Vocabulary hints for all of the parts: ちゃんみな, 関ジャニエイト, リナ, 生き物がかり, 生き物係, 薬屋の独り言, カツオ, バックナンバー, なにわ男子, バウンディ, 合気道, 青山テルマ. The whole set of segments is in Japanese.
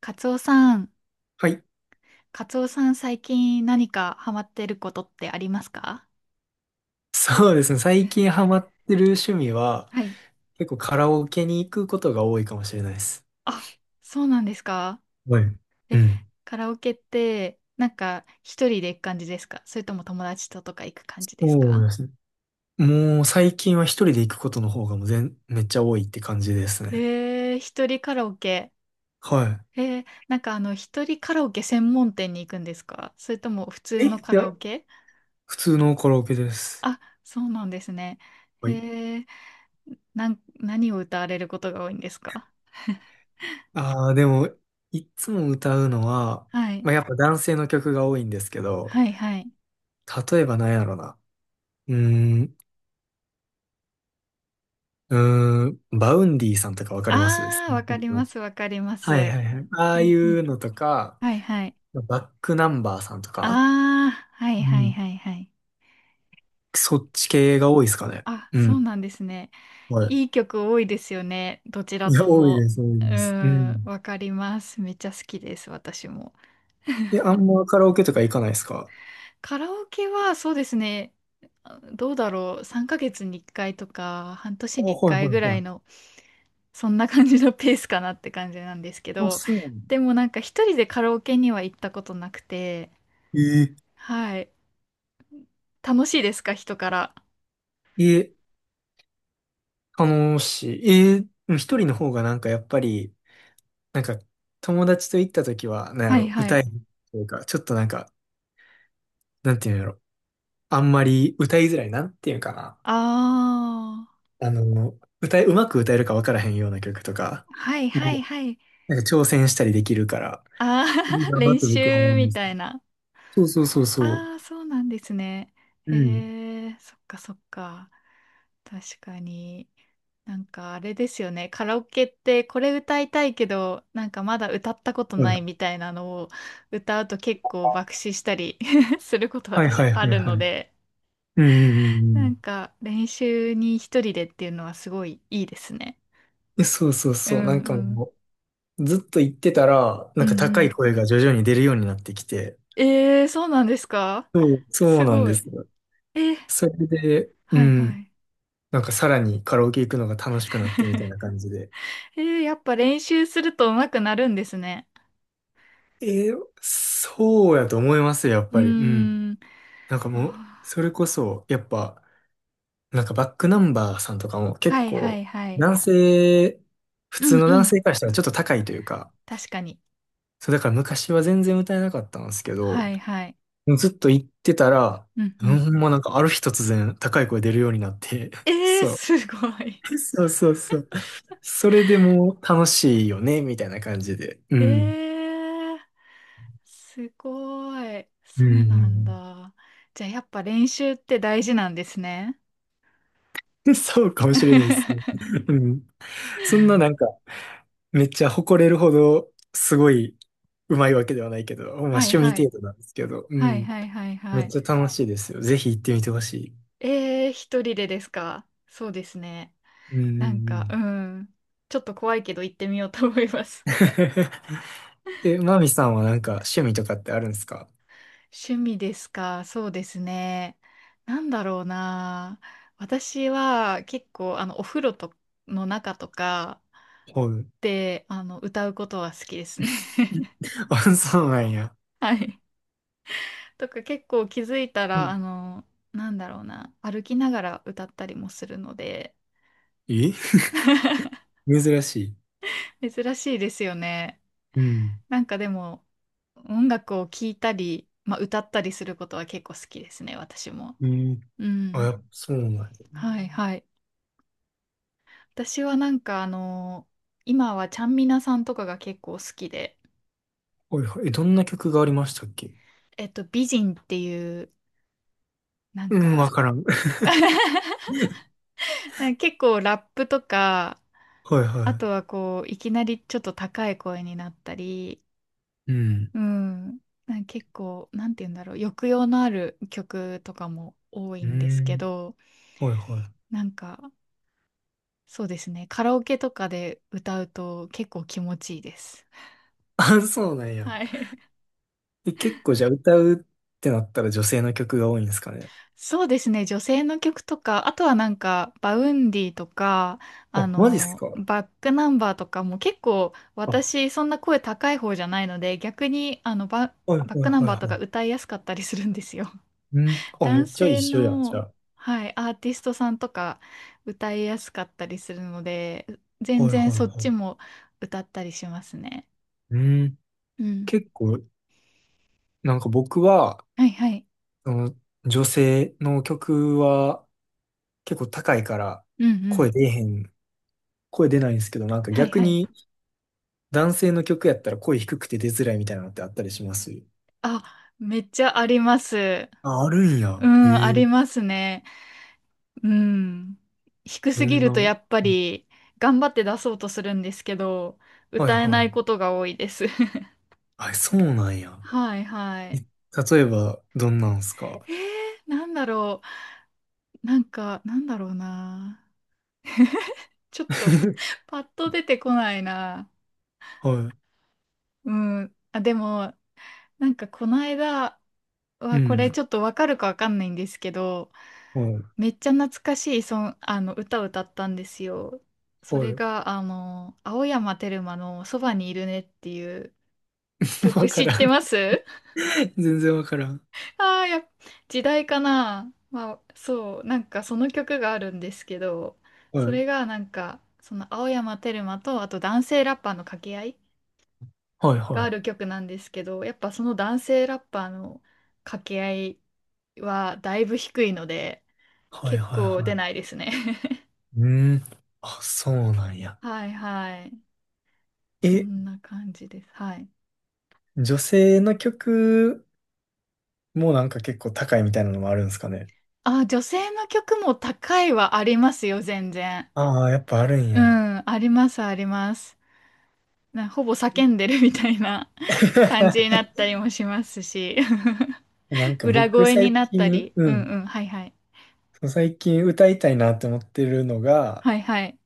カツオさん、はい。カツオさん、最近何かハマってることってありますか？そうですね。最近ハマってる趣味は、はい。結構カラオケに行くことが多いかもしれないです。あ、そうなんですか？はい。うん。カラオケって、なんか一人で行く感じですか？それとも友達ととか行く感じですそうか？ですね。もう最近は一人で行くことの方がもうめっちゃ多いって感じですね。へえ、一人カラオケ。はへえ、なんか一人カラオケ専門店に行くんですか？それとも普通い。え、いのカラや、オケ？普通のカラオケです。あ、そうなんですね。はい。へえ、何を歌われることが多いんですか？ああ、でも、いつも歌うのは、はい。まあ、やっぱ男性の曲が多いんですけど、はいはい。例えば何やろな。うーん、バウンディさんとかわかります？ ああ、わかり ます、わかりまはいす。はいはい。あうあいんううん。のとか、はいはい。バックナンバーさんとあか、あ、はいうはいん。はいはい。そっち系が多いですかね。あ、うそうん。なんですね。はい。いい曲多いですよね。どちらいや、と多いも。です、多ういです。うーん、ん。わかります。めっちゃ好きです、私も。いや、あん まカラオケとか行かないですか？カラオケはそうですね。どうだろう。3ヶ月に1回とか、半年あ、に1はい回はぐいらはいい。の、そんな感じのペースかなって感じなんですけあ、ど、そうなの。でもなんか一人でカラオケには行ったことなくて、ええはい。楽しいですか、人から。ええ、楽しい。ええ、でも一人の方がなんかやっぱり、なんか友達と行った時は、なんやはいろ、は歌い。えるというか、ちょっとなんか、なんていうんやろ、あんまり歌いづらい、なんていうんかな。あうまく歌えるか分からへんような曲とか、あ、はいはいもはい。う、なんか挑戦したりできるから、ああ、いい なっ練て僕は思習うんみです。たいな。そうそうそうそう。ああ、そうなんですね。うん。へえ、そっかそっか。確かに。なんかあれですよね。カラオケってこれ歌いたいけど、なんかまだ歌ったことないみたいなのを歌うと結構爆死したり することはい、私はいあはいはいるのはい。で、うんうんうんなうんん。か練習に一人でっていうのはすごいいいですね。そうそううそう。なんんかうん。もう、ずっと言ってたら、うなんかんう高いん。声が徐々に出るようになってきて、えー、そうなんですか？そうすなんごでい。すよ。えー、それで、うはいはん。い。なんかさらにカラオケ行くのが楽しくなってみたいな感じで。えー、やっぱ練習すると上手くなるんですね。えーそうやと思いますよ、やっうぱり。うん。ーん。なんかもう、そあれこそ、やっぱ、なんかバックナンバーさんとかもー結はいは構、いはい。男性、普う通んのう男ん。性からしたらちょっと高いというか、確かに。そうだから昔は全然歌えなかったんですけはど、いはい。ずっと行ってたら、うんううん、ん。ほんまなんかある日突然高い声出るようになって、えー、そすごい。う、そうそうそう。それでもう楽しいよね、みたいな感じで。うえん。ー、すごい。うそうなんん。だ。じゃあやっぱ練習って大事なんですね。そうかも しれないですね。はうん。そんななんか、めっちゃ誇れるほど、すごい、うまいわけではないけど、まあいはい。趣味は程度なんですけど、ういん。はいはいめはっい。ちゃ楽しいですよ。ぜひ行ってみてほしい。えー、一人でですか？そうですね。うんうんうなんか、うん。ん。ちょっと怖いけど行ってみようと思います。マミさんはなんか趣味とかってあるんですか？ 趣味ですか？そうですね。なんだろうな。私は結構、お風呂との中とかはい。で、歌うことは好きですね。あ、そうなんや。はい。とか結構気づいたうら、ん。なんだろうな。歩きながら歌ったりもするので。え 珍しい。珍しいですよね。うん。なんかでも、音楽を聴いたり、まあ、歌ったりすることは結構好きですね、私も。うん。うあ、やん。っぱそうなんや。はいはい。私はなんか今はちゃんみなさんとかが結構好きで、はいはい。どんな曲がありましたっけ？えっと、美人っていう、なんうん、か、わからん。は なんか結構ラップとか、いあとははこう、いきなりちょっと高い声になったり、い。うん。うん。なんか結構、なんて言うんだろう、抑揚のある曲とかも多いうんですけん。ど、はいはい。なんか、そうですね、カラオケとかで歌うと結構気持ちいいです。あ、そうなんや。はい。結構じゃあ歌うってなったら女性の曲が多いんですかね。そうですね、女性の曲とか、あとはなんか、バウンディとか、あ、マジっすか？バックナンバーとかも結構、あ、は私、そんな声高い方じゃないので、逆に、いはいバックナンはいバーとはかい。歌いやすかったりするんですよ。うん。あ、め男っちゃ一性緒や、じゃの、あ。はい、アーティストさんとか歌いやすかったりするので、全はい然はそいっはちい。も歌ったりしますね。うん。うん。結構、なんか僕は、はいはい。その、女性の曲は結構高いからうんう声ん。出えへん、声出ないんですけど、なんかはい逆はい。に男性の曲やったら声低くて出づらいみたいなのってあったりします？あ、めっちゃあります。あ、あるんうや。ん、あえりえ、ますね。うん。低どすぎんな。るとはやっぱり頑張って出そうとするんですけど、い歌えはないい。ことが多いです。あ、そうなんや。はいはえい。例えば、どんなんすか？ えー、なんだろう。なんか、なんだろうな。ちょっと、パッと出てこないな。はうん。あ、でも、なんかこの間い。うは、これん。ちょっとわかるかわかんないんですけど、はい。めっちゃ懐かしい歌を歌ったんですよ。そはれい。が、青山テルマのそばにいるねっていう 曲わか知っらてん。ます？ 全然わからん。ああ、時代かな。まあ、そう、なんかその曲があるんですけど、はそい。れがなんか、その青山テルマと、あと男性ラッパーの掛け合いはい、がはあい。る曲なんですけど、やっぱその男性ラッパーの掛け合いはだいぶ低いので、はい、結はい、構出はないですね。い。うん。あ、そうなんや。はいはい。そえ、んな感じです。はい。女性の曲もなんか結構高いみたいなのもあるんですかね。あ、女性の曲も高いはありますよ、全然。ああー、やっぱあるんうや。ん、ありますあります。な、ほぼ叫んでるみたいな 感じになった りもしますし、なん か裏僕声に最なった近、り。ううんん。うん、はいはい。最近歌いたいなって思ってるのが、はいはい。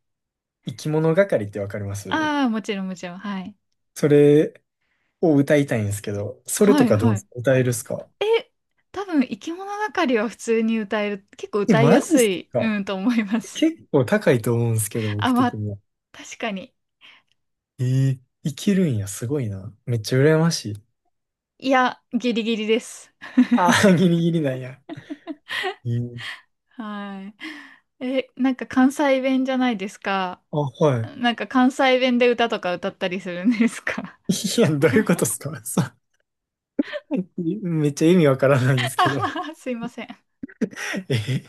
生き物係ってわかります？ああ、もちろんもちろん。はい。それ、を歌いたいんですけど、それはといかどうはですい。か？歌えるっすか？え、多分、生き物がかりは普通に歌える。結構え、歌いマやジっすすい、か？うん、と思います。結構高いと思うんですけど、僕あ、ま的あ、には。確かに。えー、いけるんや、すごいな。めっちゃ羨ましい。いや、ギリギリです。ああ、ギリギリなんや。えー、はい。え、なんか関西弁じゃないですか。あ、はい。なんか関西弁で歌とか歌ったりするんですか？ いや、どういうことっ すか？そう。めっちゃ意味わからないんですあけど。はは すいません。え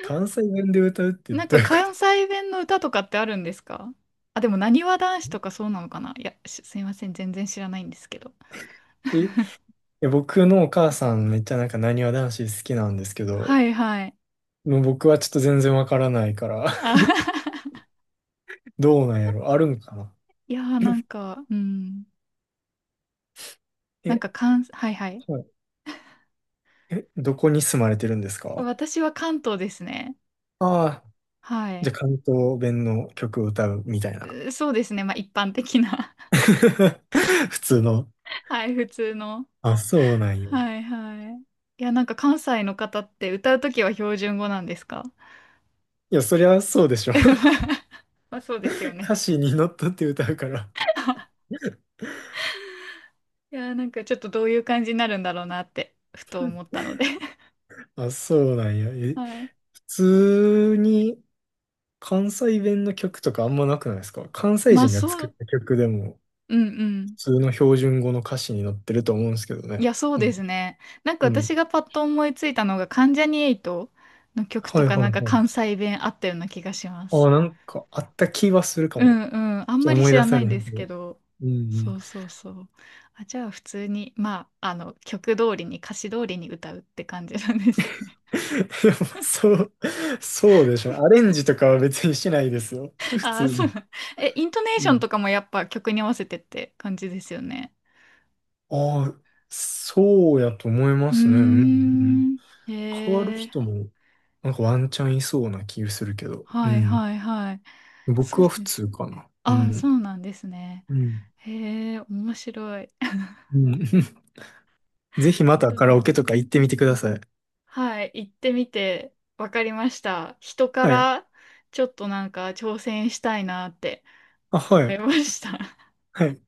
関西弁で歌うってなんどかういうこ関と？西弁の歌とかってあるんですか？あ、でも、なにわ男子とかそうなのかな？いや、しすいません。全然知らないんですけど。いや僕のお母さんめっちゃなんかなにわ男子好きなんですけど、はいはい。もう僕はちょっと全然わからないから、あはは は、どうなんやろあるんかな？ いやーなんか、うん。なんかえ関、はいはい。はい。どこに住まれてるんですか？私は関東ですね。ああー、はじい。ゃあ関東弁の曲を歌うみたいな。そうですね。まあ一般的な 普通の。はい、普通の。あ、そうなんよ。はいはい。いや、なんか関西の方って歌うときは標準語なんですか？ いや、そりゃそうでしょ。まあそうですよね。歌詞に乗っ取って歌うから。いや、なんかちょっとどういう感じになるんだろうなって、ふと思ったので あ、そうなんや。はい。普通に関西弁の曲とかあんまなくないですか？関西まあ人がそ作っう、た曲でもうんうん。普通の標準語の歌詞に乗ってると思うんですけどいね。や、そううでん。すね。なんかう私ん。がパッと思いついたのが、関ジャニエイトの曲とはいかはいなんかはい。関西弁あったような気がします。あ、なんかあった気はするかうも。んうん。あんまり思い知出らさないれんへでんけすけど。ど。うんうん。そうそうそう。あ、じゃあ普通に、まあ、曲通りに、歌詞通りに歌うって感じなんですね。でもそう、そうでしょ。アレンジとかは別にしないですよ。普あ通あ、そう。に。え、イントネーうションん。とかもやっぱ曲に合わせてって感じですよね。ああ、そうやと思いまうーすね。うんうん。ん。変わるへえ。人も、なんかワンチャンいそうな気がするけど。うはいん。はいはい。そ僕うは普ね。通かな。うああ、そん。うなんですね。うん。へえ、面白い。うん。ぜひまそたうカラなオんケですとかね。行ってみてください。はい、行ってみて分かりました、人かはい。ら。ちょっとなんか挑戦したいなってあ、は思い。いました。はい。